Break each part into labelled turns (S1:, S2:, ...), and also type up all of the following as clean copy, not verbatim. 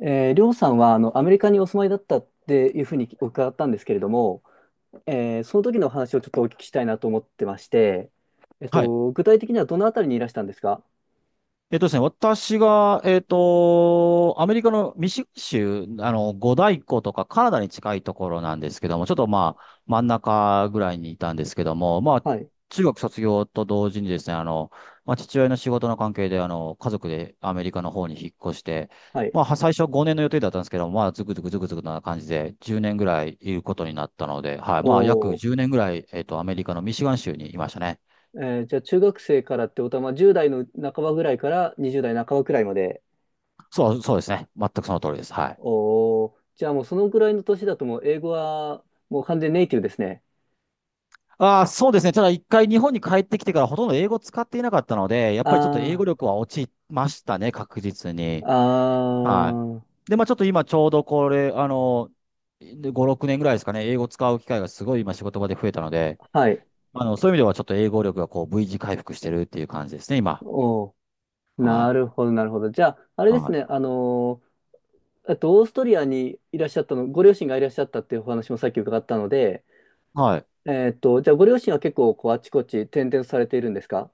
S1: りょうさんはアメリカにお住まいだったっていうふうに伺ったんですけれども、その時のお話をちょっとお聞きしたいなと思ってまして、
S2: はい。
S1: 具体的にはどのあたりにいらしたんですか？
S2: ですね、私が、アメリカのミシガン州、五大湖とかカナダに近いところなんですけども、ちょっとまあ、真ん中ぐらいにいたんですけども、まあ、
S1: はい。
S2: 中学卒業と同時にですね、まあ、父親の仕事の関係で、家族でアメリカの方に引っ越して、
S1: はい。
S2: まあ、最初5年の予定だったんですけども、まあ、ずくずくずくずくな感じで、10年ぐらいいることになったので、はい。
S1: お
S2: まあ、約
S1: お。
S2: 10年ぐらい、アメリカのミシガン州にいましたね。
S1: じゃあ中学生からってことは、まあ、10代の半ばぐらいから20代半ばくらいまで。
S2: そう、そうですね。全くその通りです。はい。
S1: おお、じゃあもうそのぐらいの年だともう英語はもう完全ネイティブですね。
S2: ああ、そうですね。ただ一回日本に帰ってきてからほとんど英語使っていなかったので、やっぱりちょっと英
S1: あ
S2: 語力は落ちましたね、確実に。
S1: あ、あ
S2: は
S1: あ、
S2: い。で、まあちょっと今ちょうどこれ、5、6年ぐらいですかね、英語使う機会がすごい今仕事場で増えたので、
S1: はい。
S2: そういう意味ではちょっと英語力がこう V 字回復してるっていう感じですね、今。
S1: おお、
S2: は
S1: な
S2: い。
S1: るほど、なるほど。じゃあ、あれで
S2: は
S1: す
S2: い。
S1: ね、あのオーストリアにいらっしゃったの、ご両親がいらっしゃったっていうお話もさっき伺ったので、
S2: はい。
S1: じゃあご両親は結構こうあちこち転々とされているんですか？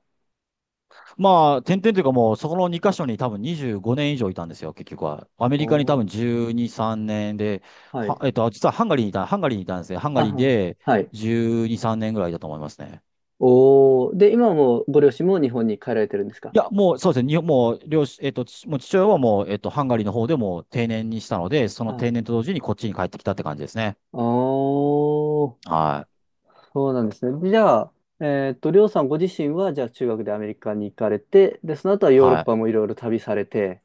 S2: まあ、点々というかもう、そこの2カ所に多分25年以上いたんですよ、結局は。アメ
S1: お
S2: リカに多分
S1: ー、
S2: 12、3年で、
S1: は
S2: は、
S1: い。
S2: えっと、実はハンガリーにいた、ハンガリーにいたんですね。ハンガリー
S1: あ、
S2: で
S1: はい。
S2: 12、3年ぐらいだと思いますね。
S1: おー、で、今もご両親も日本に帰られてるんですか？
S2: いや、もうそうですね、日本もう両親、父親はもう、ハンガリーの方でもう定年にしたので、その
S1: は
S2: 定
S1: い。
S2: 年と同時にこっちに帰ってきたって感じですね。
S1: おー、
S2: はい。
S1: そうなんですね。じゃあ、りょうさんご自身は、じゃあ中学でアメリカに行かれて、で、その後はヨーロッ
S2: はい。
S1: パもいろいろ旅されて、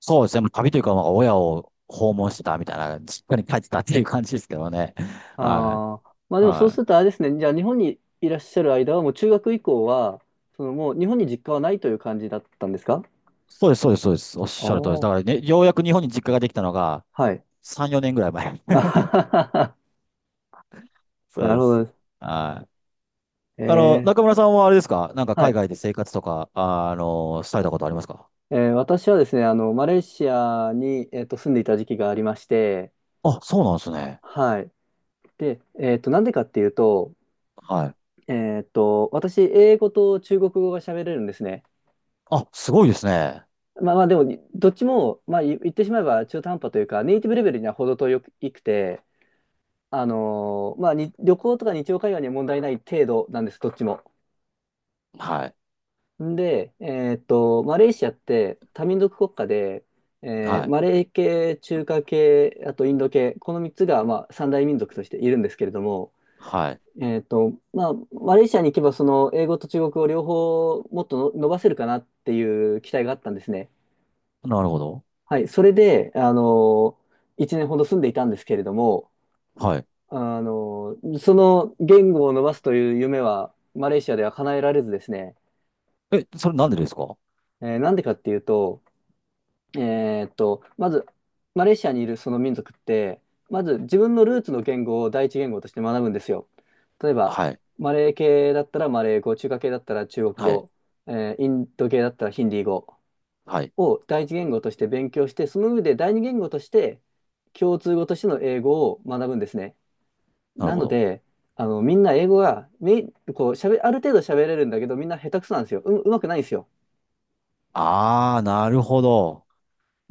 S2: そうですね、もう旅というか、まあ、親を訪
S1: は
S2: 問し
S1: い。
S2: てたみたいな、実家に帰ってたっていう感じですけどね。はい。
S1: ああ、まあでもそう
S2: は
S1: する
S2: い。
S1: とあれですね、じゃあ日本にいらっしゃる間は、もう中学以降は、そのもう日本に実家はないという感じだったんですか？
S2: そうです、そうです、そうです。おっ
S1: あ
S2: しゃる通りです。だ
S1: あ、
S2: からね、ようやく日本に実家ができたのが
S1: はい。
S2: 3、4年ぐらい前。
S1: あはは、は、
S2: そ
S1: な
S2: う
S1: る
S2: で
S1: ほ
S2: す。
S1: どです。
S2: はい。
S1: え、え、
S2: 中村さんはあれですか？なんか
S1: は
S2: 海
S1: い。
S2: 外で生活とか、されたことありますか？
S1: 私はですね、マレーシアに、住んでいた時期がありまして、
S2: あ、そうなんですね。
S1: はい。で、なんでかっていうと、
S2: はい。
S1: 私、英語と中国語が喋れるんですね。
S2: あ、すごいですね。
S1: まあまあ、でも、どっちも、まあ、言ってしまえば中途半端というか、ネイティブレベルには程遠くくて、まあ、に旅行とか日常会話には問題ない程度なんです、どっちも。
S2: はい。
S1: んで、マレーシアって多民族国家で、
S2: はい。
S1: マレー系、中華系、あとインド系、この3つが、まあ、三大民族としているんですけれども、
S2: はい。
S1: まあ、マレーシアに行けば、その英語と中国語両方もっとの伸ばせるかなっていう期待があったんですね。
S2: なるほど。
S1: はい、それで、1年ほど住んでいたんですけれども、
S2: はい。
S1: あの、その言語を伸ばすという夢は、マレーシアでは叶えられずですね、
S2: え、それなんでですか？
S1: なんでかっていうと、まず、マレーシアにいるその民族って、まず自分のルーツの言語を第一言語として学ぶんですよ。例えば、
S2: はい。
S1: マレー系だったらマレー語、中華系だったら中国
S2: はい。
S1: 語、インド系だったらヒンディー語
S2: はい。
S1: を第一言語として勉強して、その上で第二言語として共通語としての英語を学ぶんですね。
S2: なる
S1: な
S2: ほ
S1: の
S2: ど。
S1: で、あの、みんな英語が、こう、ある程度喋れるんだけど、みんな下手くそなんですよ。うまくないんですよ。
S2: あー、なるほど。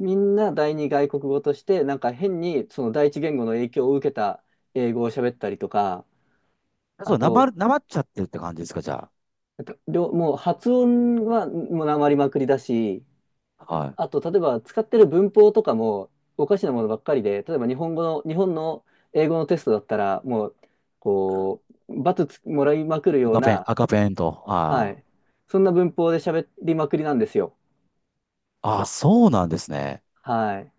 S1: みんな第二外国語として、なんか変に、その第一言語の影響を受けた英語を喋ったりとか、
S2: そ
S1: あ
S2: う、
S1: と、
S2: なまっちゃってるって感じですか、じゃ
S1: もう発音はもうなまりまくりだし、
S2: あ。はい。
S1: あと、例えば使ってる文法とかもおかしなものばっかりで、例えば日本語の、日本の英語のテストだったら、もう、こう、罰つもらいまくるよう
S2: 赤ペン、
S1: な、
S2: 赤ペンと。
S1: は
S2: ああ。
S1: い。そんな文法で喋りまくりなんですよ。
S2: あ、そうなんですね。
S1: はい。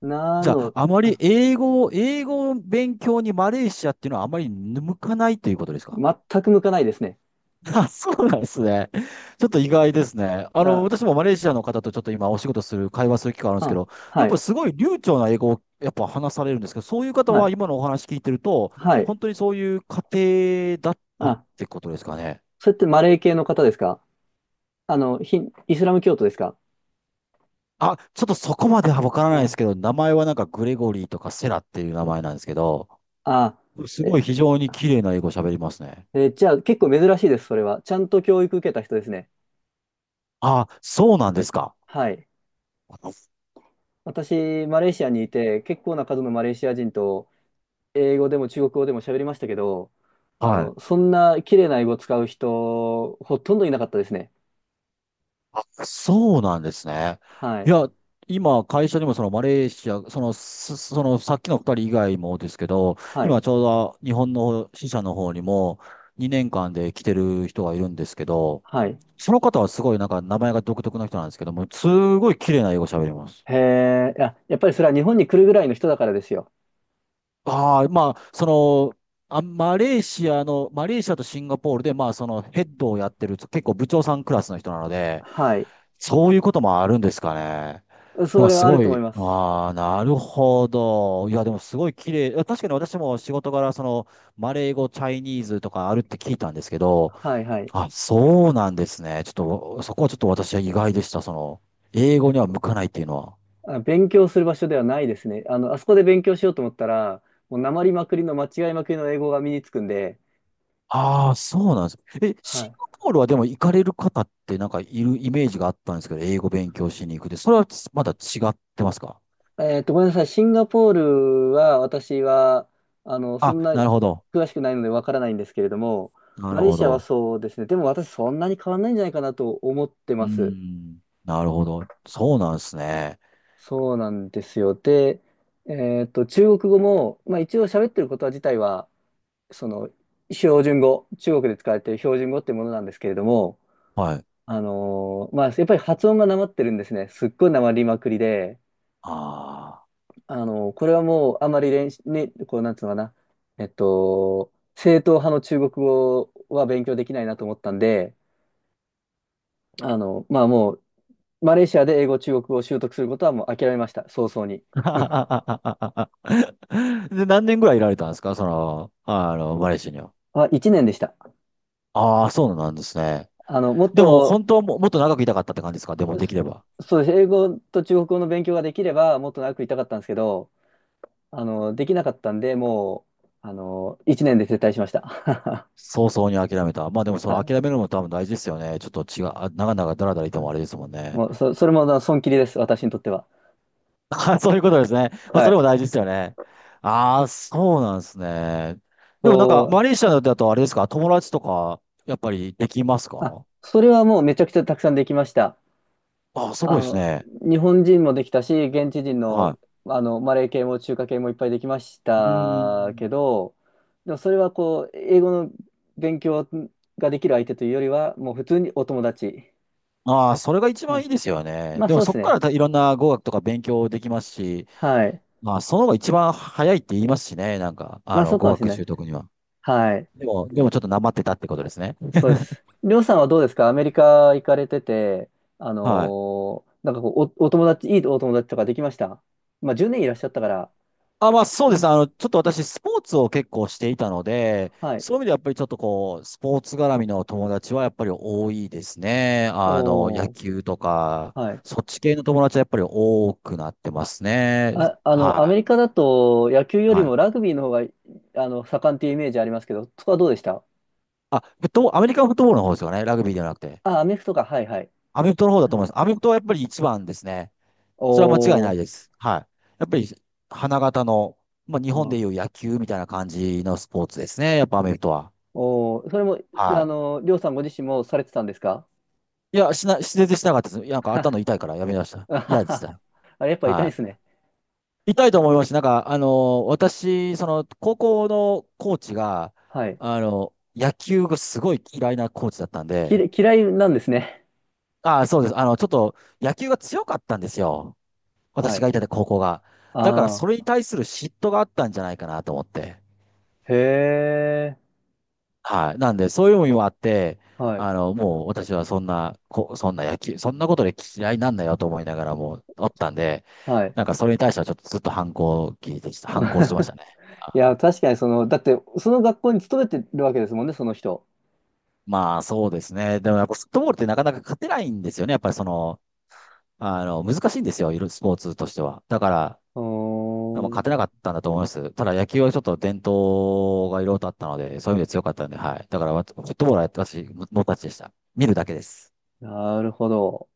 S1: な
S2: じゃあ、
S1: の、
S2: あまり
S1: あ、
S2: 英語を、勉強にマレーシアっていうのはあまり向かないということですか？
S1: 全く向かないですね。
S2: あ、そうなんですね。ちょっと意外ですね。私
S1: だ、
S2: もマレーシアの方とちょっと今お仕事する、会話する機会あるんですけ
S1: あ、
S2: ど、や
S1: は
S2: っぱ
S1: い、
S2: すごい流暢な英語をやっぱ話されるんですけど、そういう方
S1: は
S2: は
S1: い、
S2: 今のお話聞いてると、
S1: はい。
S2: 本当にそういう家庭だったっ
S1: あ、
S2: てことですかね。
S1: それってマレー系の方ですか？あの、ヒンイスラム教徒ですか？
S2: あ、ちょっとそこまではわからないです
S1: あ、
S2: けど、名前はなんかグレゴリーとかセラっていう名前なんですけど、
S1: あ、
S2: すご
S1: え、
S2: い非常に綺麗な英語喋りますね。
S1: え、じゃあ結構珍しいです、それは。ちゃんと教育受けた人ですね。
S2: あ、そうなんですか。
S1: はい。私、マレーシアにいて、結構な数のマレーシア人と英語でも中国語でも喋りましたけど、あ
S2: は
S1: の、そんな綺麗な英語を使う人、ほとんどいなかったですね。
S2: い。そうなんですね。
S1: は
S2: い
S1: い。
S2: や、今、会社にもそのマレーシア、その、すそのさっきの二人以外もですけど、
S1: はい。
S2: 今ちょうど日本の支社の方にも2年間で来てる人がいるんですけど、
S1: はい。
S2: その方はすごいなんか名前が独特な人なんですけども、すごい綺麗な英語喋ります。
S1: へえ、いや、やっぱりそれは日本に来るぐらいの人だからですよ。
S2: ああ、まあ、その、マレーシアとシンガポールで、まあ、そのヘッドをやってる、結構部長さんクラスの人なので、
S1: はい。
S2: そういうこともあるんですかね。な
S1: そ
S2: んか
S1: れ
S2: す
S1: はある
S2: ご
S1: と思い
S2: い、
S1: ます。
S2: ああ、なるほど。いや、でもすごい綺麗。いや確かに私も仕事柄、その、マレー語、チャイニーズとかあるって聞いたんですけど、
S1: はい、はい。
S2: あ、そうなんですね。ちょっと、そこはちょっと私は意外でした。その、英語には向かないっていうのは。
S1: あ、勉強する場所ではないですね。あの、あそこで勉強しようと思ったら、もうなまりまくりの間違いまくりの英語が身につくんで、
S2: ああ、そうなんです。え、
S1: は
S2: シン
S1: い。
S2: ガポールはでも行かれる方ってなんかいるイメージがあったんですけど、英語勉強しに行くで、それはまだ違ってますか？
S1: ごめんなさい。シンガポールは、私は、あの、そ
S2: あ、
S1: んな
S2: なるほど。
S1: 詳しくないのでわからないんですけれども、
S2: な
S1: マ
S2: る
S1: レー
S2: ほ
S1: シアは
S2: ど。
S1: そうですね。でも私そんなに変わんないんじゃないかなと思って
S2: うー
S1: ます。
S2: ん。なるほど。そうなんですね。
S1: そうなんですよ。で、中国語も、まあ一応喋ってることは自体は、その、標準語、中国で使われている標準語ってものなんですけれども、
S2: はい。
S1: まあやっぱり発音がなまってるんですね。すっごいなまりまくりで、
S2: ああ。
S1: あの、これはもうあまりね、こう、なんつうのかな、正統派の中国語は勉強できないなと思ったんで、あの、まあもう、マレーシアで英語、中国語を習得することはもう諦めました、早々に。
S2: で、何年ぐらいいられたんですか？その、マレーシアには。
S1: あ、1年でした。
S2: ああ、そうなんですね。
S1: あの、もっ
S2: でも、
S1: と、
S2: 本当はもっと長くいたかったって感じですか？でも、できれば。
S1: そうです。英語と中国語の勉強ができれば、もっと長くいたかったんですけど、あの、できなかったんで、もう、あの、1年で撤退しました。
S2: 早々に諦めた。まあでもそ
S1: は
S2: の
S1: い。
S2: 諦めるのも多分大事ですよね。ちょっと違う、あ、長々だらだらいて
S1: は
S2: も
S1: い。
S2: あれですもんね。
S1: もう、そ、それも、あの損切りです、私にとっては。
S2: あ、そういうことですね。まあ
S1: は
S2: それ
S1: い。
S2: も大事ですよね。ああ、そうなんですね。でもなん
S1: そ
S2: か、マ
S1: う。
S2: レーシ
S1: う
S2: アだ
S1: ん。
S2: とあれですか、友達とか、やっぱりできます
S1: あ、
S2: か？
S1: それはもうめちゃくちゃたくさんできました。
S2: ああ、すご
S1: あ
S2: いです
S1: の、
S2: ね。
S1: 日本人もできたし、現地人の、
S2: は
S1: あの、マレー系も中華系もいっぱいできまし
S2: い。うー
S1: たけ
S2: ん。
S1: ど、でもそれはこう、英語の勉強ができる相手というよりは、もう普通にお友達。
S2: ああ、それが一
S1: は
S2: 番い
S1: い。
S2: いですよね。
S1: まあ
S2: でも
S1: そうで
S2: そ
S1: す
S2: こか
S1: ね。
S2: らいろんな語学とか勉強できますし、
S1: はい。
S2: まあその方が一番早いって言いますしね。なんか、
S1: まあそうか
S2: 語
S1: もしれ
S2: 学
S1: な
S2: 習
S1: い。
S2: 得には。
S1: はい。
S2: でもちょっとなまってたってことですね。
S1: そうです。りょうさんはどうですか？アメリカ行かれてて、
S2: はい。
S1: なんかこう、お友達、いいお友達とかできました？まあ10年いらっしゃったから。
S2: あ、まあそう
S1: う
S2: です。
S1: ん。
S2: ちょっと私、スポーツを結構していたので、
S1: はい。
S2: そういう意味ではやっぱりちょっとこう、スポーツ絡みの友達はやっぱり多いですね。野
S1: おー、
S2: 球とか、
S1: はい。
S2: そっち系の友達はやっぱり多くなってますね。
S1: あ、あの、ア
S2: は
S1: メリカ
S2: い。
S1: だと野球より
S2: はい。
S1: もラグビーの方が、あの、盛んっていうイメージありますけど、そこはどうでした？
S2: あ、フットボール、アメリカンフットボールの方ですよね。ラグビーではなくて。
S1: あ、アメフトか、はいはい。
S2: アメフトの方だ
S1: う
S2: と思
S1: ん。
S2: います。アメフトはやっぱり一番ですね。それは間違い
S1: お
S2: ない
S1: ー、
S2: です。はい。やっぱり、花形の、まあ日
S1: う
S2: 本でい
S1: ん。
S2: う野球みたいな感じのスポーツですね。やっぱアメフトは。
S1: おー、それも、
S2: は
S1: あ
S2: い。
S1: の、りょうさんご自身もされてたんですか？
S2: いや、全然しなかったです。なんか頭
S1: は
S2: 痛いからやめました。
S1: あは
S2: 嫌でし
S1: は
S2: た。
S1: あれ、やっぱ痛いで
S2: は
S1: すね。
S2: い。痛いと思いますし、なんか、私、その、高校のコーチが、
S1: はい。
S2: 野球がすごい嫌いなコーチだったんで、
S1: 嫌いなんですね。
S2: ああ、そうです。ちょっと、野球が強かったんですよ。
S1: は
S2: 私が
S1: い。
S2: いた高校が。だから、そ
S1: ああ、
S2: れに対する嫉妬があったんじゃないかなと思って。
S1: へえ、
S2: はい。なんで、そういうのもあって、
S1: はい、
S2: もう私はそんな、そんな野球、そんなことで嫌いなんだよと思いながらもうおったんで、
S1: はい。
S2: なんかそれに対してはちょっとずっと反抗してまし たね。
S1: い
S2: あ
S1: や、確かにその、だって、その学校に勤めてるわけですもんね、その人。
S2: まあそうですね。でもやっぱフットボールってなかなか勝てないんですよね。やっぱりその、難しいんですよ。いろいろスポーツとしては。だから、
S1: う
S2: 多分
S1: ー
S2: 勝てな
S1: ん、
S2: かったんだと思います。ただ野球はちょっと伝統がいろいろとあったので、そういう意味で強かったんで、はい。だからわフットボールは僕たちでした。見るだけです。
S1: なるほど。